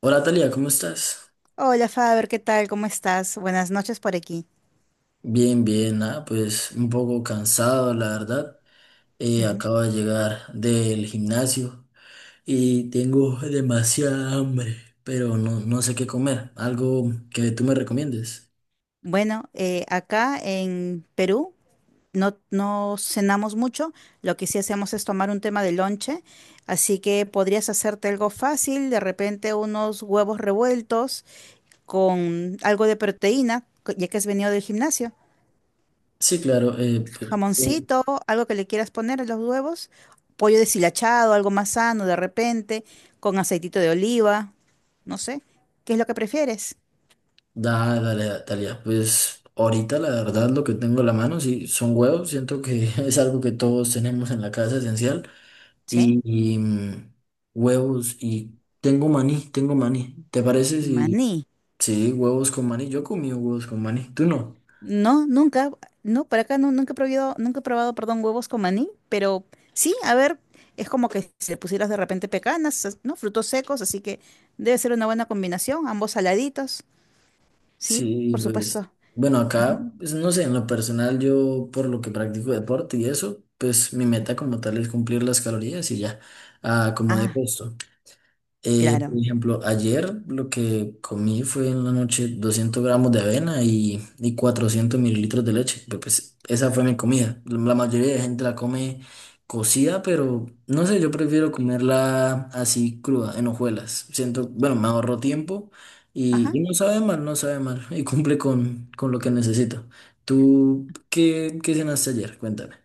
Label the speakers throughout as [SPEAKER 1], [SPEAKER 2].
[SPEAKER 1] Hola Talia, ¿cómo estás?
[SPEAKER 2] Hola Faber, ¿qué tal? ¿Cómo estás? Buenas noches por aquí.
[SPEAKER 1] Bien, bien, ah, pues un poco cansado, la verdad. Eh,
[SPEAKER 2] Ujú.
[SPEAKER 1] acabo de llegar del gimnasio y tengo demasiada hambre, pero no, no sé qué comer. Algo que tú me recomiendes.
[SPEAKER 2] Bueno, acá en Perú no, no cenamos mucho, lo que sí hacemos es tomar un tema de lonche, así que podrías hacerte algo fácil, de repente unos huevos revueltos con algo de proteína, ya que has venido del gimnasio,
[SPEAKER 1] Sí, claro, pues, eh,
[SPEAKER 2] jamoncito, algo que le quieras poner a los huevos, pollo deshilachado, algo más sano de repente, con aceitito de oliva, no sé, ¿qué es lo que prefieres?
[SPEAKER 1] dale, Talia. Pues ahorita la verdad lo que tengo en la mano sí, son huevos. Siento que es algo que todos tenemos en la casa esencial.
[SPEAKER 2] Sí.
[SPEAKER 1] Y, huevos y tengo maní, tengo maní. ¿Te parece si?
[SPEAKER 2] Maní.
[SPEAKER 1] Sí, huevos con maní. Yo he comido huevos con maní. ¿Tú no?
[SPEAKER 2] No, nunca, no, por acá no, nunca he probado, nunca he probado, perdón, huevos con maní, pero sí, a ver, es como que si le pusieras de repente pecanas, ¿no? Frutos secos, así que debe ser una buena combinación, ambos saladitos, sí,
[SPEAKER 1] Sí,
[SPEAKER 2] por
[SPEAKER 1] pues.
[SPEAKER 2] supuesto.
[SPEAKER 1] Bueno,
[SPEAKER 2] Ajá.
[SPEAKER 1] acá, pues, no sé, en lo personal, yo por lo que practico deporte y eso, pues mi meta como tal es cumplir las calorías y ya. Ah, como de
[SPEAKER 2] Ah,
[SPEAKER 1] puesto. Por
[SPEAKER 2] claro.
[SPEAKER 1] ejemplo, ayer lo que comí fue en la noche 200 gramos de avena y 400 mililitros de leche. Pues esa fue mi comida. La mayoría de gente la come cocida, pero no sé, yo prefiero comerla así cruda, en hojuelas. Siento, bueno, me ahorro tiempo y,
[SPEAKER 2] Ajá.
[SPEAKER 1] y no sabe mal, no sabe mal y cumple con lo que necesito. ¿Tú qué cenaste ayer? Cuéntame.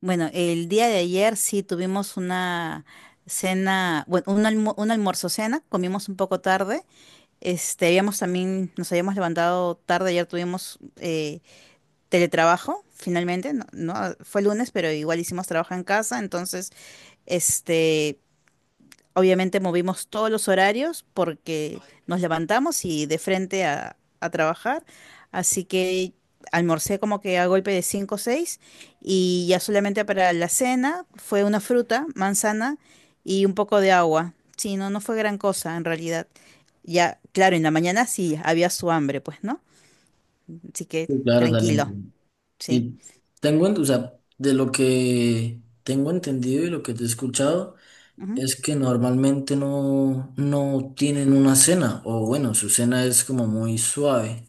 [SPEAKER 2] Bueno, el día de ayer sí tuvimos una cena, bueno, un almuerzo cena, comimos un poco tarde, este, habíamos también, nos habíamos levantado tarde, ayer tuvimos teletrabajo, finalmente, no, no, fue lunes, pero igual hicimos trabajo en casa, entonces, este, obviamente movimos todos los horarios porque nos levantamos y de frente a trabajar, así que almorcé como que a golpe de 5 o 6 y ya solamente para la cena fue una fruta, manzana y un poco de agua. Sí, no, no fue gran cosa en realidad. Ya, claro, en la mañana sí había su hambre, pues, ¿no? Así que
[SPEAKER 1] Sí, claro, talento.
[SPEAKER 2] tranquilo, sí.
[SPEAKER 1] Y tengo, o sea, de lo que tengo entendido y lo que te he escuchado, es que normalmente no, no tienen una cena, o bueno, su cena es como muy suave.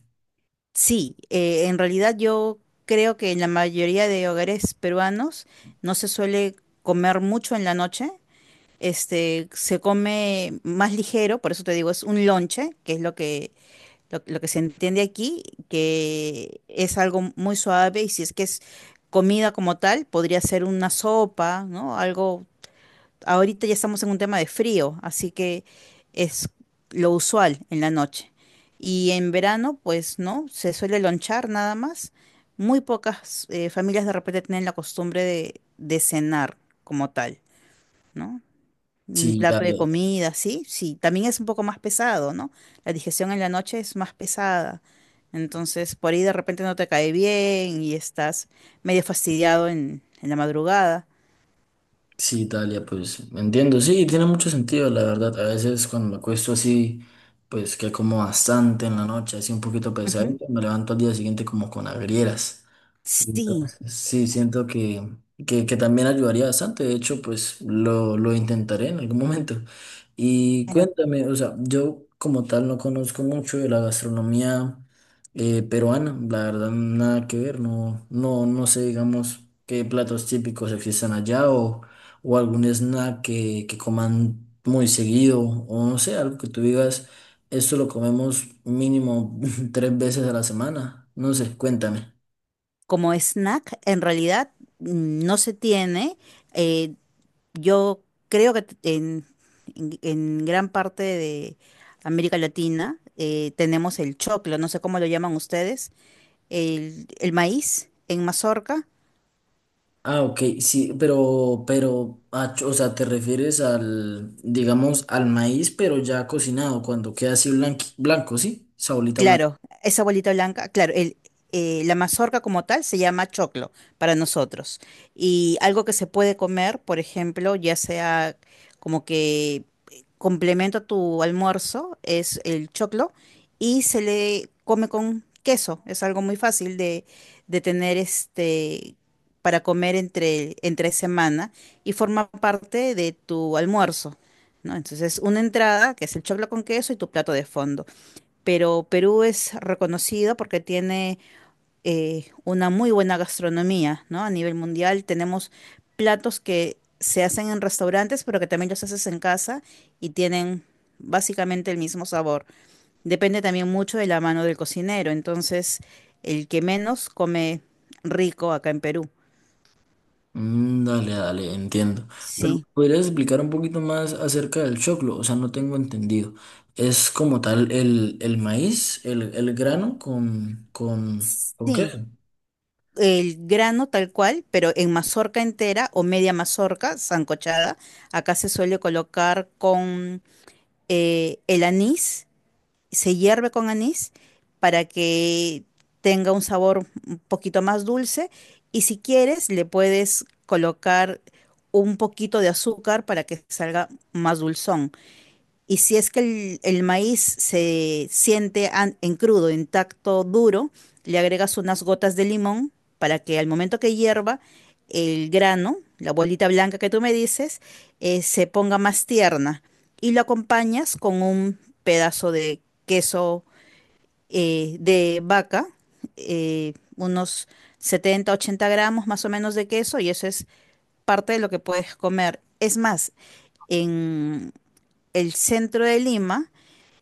[SPEAKER 2] Sí, en realidad yo creo que en la mayoría de hogares peruanos no se suele comer mucho en la noche. Este, se come más ligero, por eso te digo, es un lonche, que es lo que se entiende aquí, que es algo muy suave y si es que es comida como tal, podría ser una sopa, ¿no? Algo ahorita ya estamos en un tema de frío, así que es lo usual en la noche. Y en verano, pues no, se suele lonchar nada más. Muy pocas familias de repente tienen la costumbre de cenar como tal, ¿no? Un
[SPEAKER 1] Sí,
[SPEAKER 2] plato de
[SPEAKER 1] Italia,
[SPEAKER 2] comida, sí, sí, también es un poco más pesado, ¿no? La digestión en la noche es más pesada. Entonces, por ahí de repente no te cae bien y estás medio fastidiado en la madrugada.
[SPEAKER 1] sí, Italia, pues entiendo, sí, tiene mucho sentido, la verdad. A veces cuando me acuesto así, pues que como bastante en la noche, así un poquito
[SPEAKER 2] Ujú.
[SPEAKER 1] pesadito, me levanto al día siguiente como con agrieras.
[SPEAKER 2] Sí,
[SPEAKER 1] Entonces, sí, siento que también ayudaría bastante. De hecho, pues lo intentaré en algún momento. Y
[SPEAKER 2] claro.
[SPEAKER 1] cuéntame, o sea, yo como tal no conozco mucho de la gastronomía peruana. La verdad, nada que ver. No, no, no sé, digamos, qué platos típicos existen allá o algún snack que coman muy seguido o no sé, algo que tú digas, esto lo comemos mínimo tres veces a la semana. No sé, cuéntame.
[SPEAKER 2] Como snack, en realidad no se tiene. Eh, yo creo que en gran parte de América Latina tenemos el choclo, no sé cómo lo llaman ustedes, el maíz en mazorca.
[SPEAKER 1] Ah, ok, sí, pero, o sea, te refieres al, digamos, al maíz, pero ya cocinado, cuando queda así blanco, ¿sí? Esa bolita blanca.
[SPEAKER 2] Claro, esa bolita blanca, claro, la mazorca como tal se llama choclo para nosotros. Y algo que se puede comer, por ejemplo, ya sea como que complemento a tu almuerzo, es el choclo y se le come con queso. Es algo muy fácil de tener este para comer entre semana y forma parte de tu almuerzo, ¿no? Entonces, una entrada que es el choclo con queso y tu plato de fondo, pero Perú es reconocido porque tiene una muy buena gastronomía, ¿no? A nivel mundial tenemos platos que se hacen en restaurantes, pero que también los haces en casa y tienen básicamente el mismo sabor. Depende también mucho de la mano del cocinero, entonces el que menos come rico acá en Perú.
[SPEAKER 1] Mm, dale, dale, entiendo. Pero,
[SPEAKER 2] Sí,
[SPEAKER 1] ¿podrías explicar un poquito más acerca del choclo? O sea, no tengo entendido. ¿Es como tal el maíz, el grano con qué?
[SPEAKER 2] sí. El grano tal cual, pero en mazorca entera o media mazorca, sancochada. Acá se suele colocar con el anís, se hierve con anís para que tenga un sabor un poquito más dulce y si quieres le puedes colocar un poquito de azúcar para que salga más dulzón. Y si es que el maíz se siente en crudo, intacto, duro, le agregas unas gotas de limón para que al momento que hierva el grano, la bolita blanca que tú me dices, se ponga más tierna. Y lo acompañas con un pedazo de queso de vaca, unos 70 80 gramos más o menos de queso, y eso es parte de lo que puedes comer. Es más, en el centro de Lima,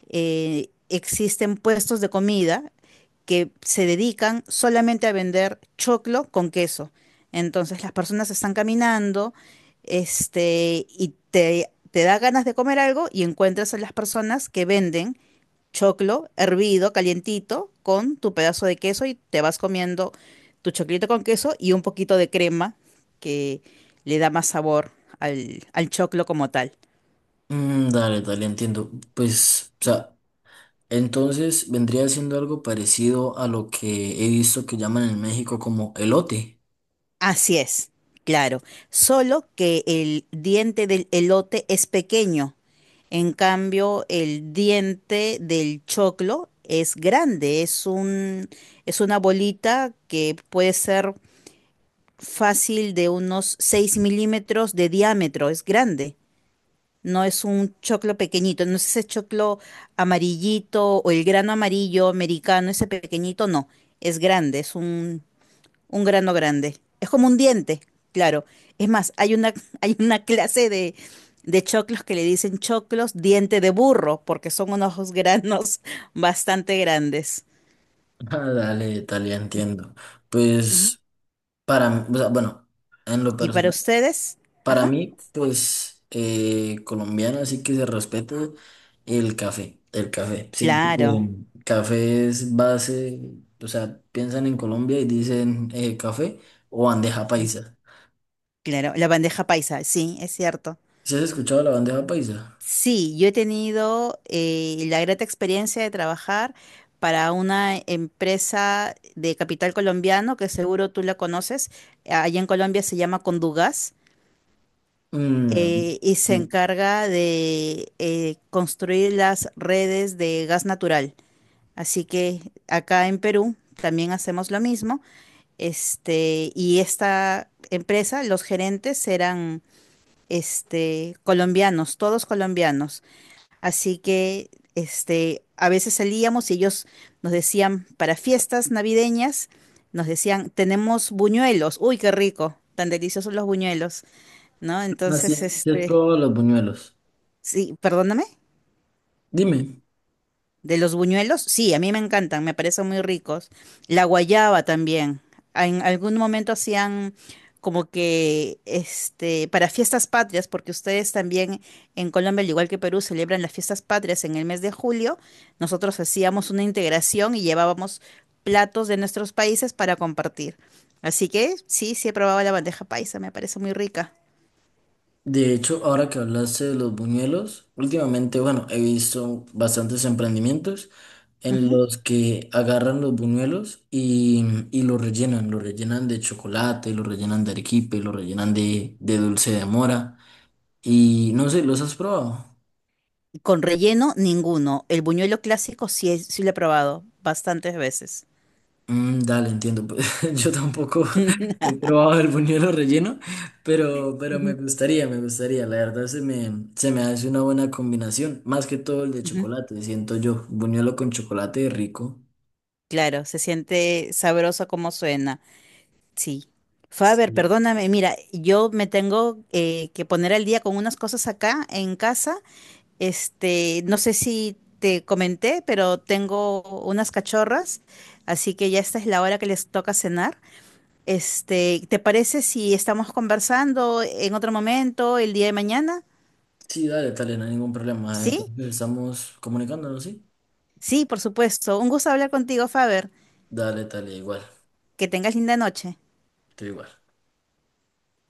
[SPEAKER 2] existen puestos de comida que se dedican solamente a vender choclo con queso. Entonces las personas están caminando, este, y te da ganas de comer algo y encuentras a las personas que venden choclo hervido, calientito, con tu pedazo de queso y te vas comiendo tu choclito con queso y un poquito de crema que le da más sabor al choclo como tal.
[SPEAKER 1] Mm, dale, dale, entiendo. Pues, o sea, entonces vendría siendo algo parecido a lo que he visto que llaman en México como elote.
[SPEAKER 2] Así es, claro. Solo que el diente del elote es pequeño. En cambio, el diente del choclo es grande, es un, es una bolita que puede ser fácil de unos 6 milímetros de diámetro, es grande. No es un choclo pequeñito, no es ese choclo amarillito o el grano amarillo americano, ese pequeñito, no. Es grande, es un grano grande. Es como un diente, claro. Es más, hay una, hay una clase de choclos que le dicen choclos diente de burro, porque son unos granos bastante grandes.
[SPEAKER 1] Ah, dale, tal, ya entiendo.
[SPEAKER 2] Ujú.
[SPEAKER 1] Pues para, o sea, bueno, en lo
[SPEAKER 2] ¿Y para
[SPEAKER 1] personal,
[SPEAKER 2] ustedes?
[SPEAKER 1] para
[SPEAKER 2] Ajá.
[SPEAKER 1] mí, pues colombiano, así que se respeta el café, el café. Siento
[SPEAKER 2] Claro.
[SPEAKER 1] que café es base, o sea, piensan en Colombia y dicen café o bandeja
[SPEAKER 2] Sí,
[SPEAKER 1] paisa.
[SPEAKER 2] claro. La bandeja paisa, sí, es cierto.
[SPEAKER 1] ¿Sí has escuchado la bandeja paisa?
[SPEAKER 2] Sí, yo he tenido la grata experiencia de trabajar para una empresa de capital colombiano, que seguro tú la conoces. Allá en Colombia se llama Condugas,
[SPEAKER 1] Mm,
[SPEAKER 2] y se
[SPEAKER 1] no.
[SPEAKER 2] encarga de construir las redes de gas natural. Así que acá en Perú también hacemos lo mismo. Este, y esta empresa, los gerentes eran este, colombianos, todos colombianos. Así que este, a veces salíamos y ellos nos decían, para fiestas navideñas, nos decían, tenemos buñuelos, uy, qué rico, tan deliciosos los buñuelos, ¿no?
[SPEAKER 1] Así
[SPEAKER 2] Entonces,
[SPEAKER 1] es, ¿sí has
[SPEAKER 2] este,
[SPEAKER 1] probado los buñuelos?
[SPEAKER 2] sí, perdóname,
[SPEAKER 1] Dime,
[SPEAKER 2] de los buñuelos, sí, a mí me encantan, me parecen muy ricos. La guayaba también. En algún momento hacían como que este para fiestas patrias, porque ustedes también en Colombia, al igual que Perú, celebran las fiestas patrias en el mes de julio. Nosotros hacíamos una integración y llevábamos platos de nuestros países para compartir. Así que sí, sí he probado la bandeja paisa, me parece muy rica.
[SPEAKER 1] de hecho, ahora que hablaste de los buñuelos, últimamente, bueno, he visto bastantes emprendimientos en los que agarran los buñuelos y los rellenan de chocolate, los rellenan de arequipe, los rellenan de dulce de mora y no sé, ¿los has probado?
[SPEAKER 2] Con relleno, ninguno. El buñuelo clásico sí, sí lo he probado bastantes veces.
[SPEAKER 1] Mm, dale, entiendo. Yo tampoco he probado el buñuelo relleno, pero me
[SPEAKER 2] Ujú,
[SPEAKER 1] gustaría, me gustaría. La verdad se me hace una buena combinación, más que todo el de
[SPEAKER 2] ujú.
[SPEAKER 1] chocolate, siento yo. Buñuelo con chocolate rico.
[SPEAKER 2] Claro, se siente sabroso como suena. Sí. Faber,
[SPEAKER 1] Sí,
[SPEAKER 2] perdóname, mira, yo me tengo que poner al día con unas cosas acá en casa. Este, no sé si te comenté, pero tengo unas cachorras, así que ya esta es la hora que les toca cenar. Este, ¿te parece si estamos conversando en otro momento el día de mañana?
[SPEAKER 1] sí, dale, dale, no hay ningún problema.
[SPEAKER 2] ¿Sí?
[SPEAKER 1] Entonces estamos comunicándonos, ¿sí?
[SPEAKER 2] Sí, por supuesto. Un gusto hablar contigo, Faber.
[SPEAKER 1] Dale, dale, igual,
[SPEAKER 2] Que tengas linda noche.
[SPEAKER 1] estoy igual.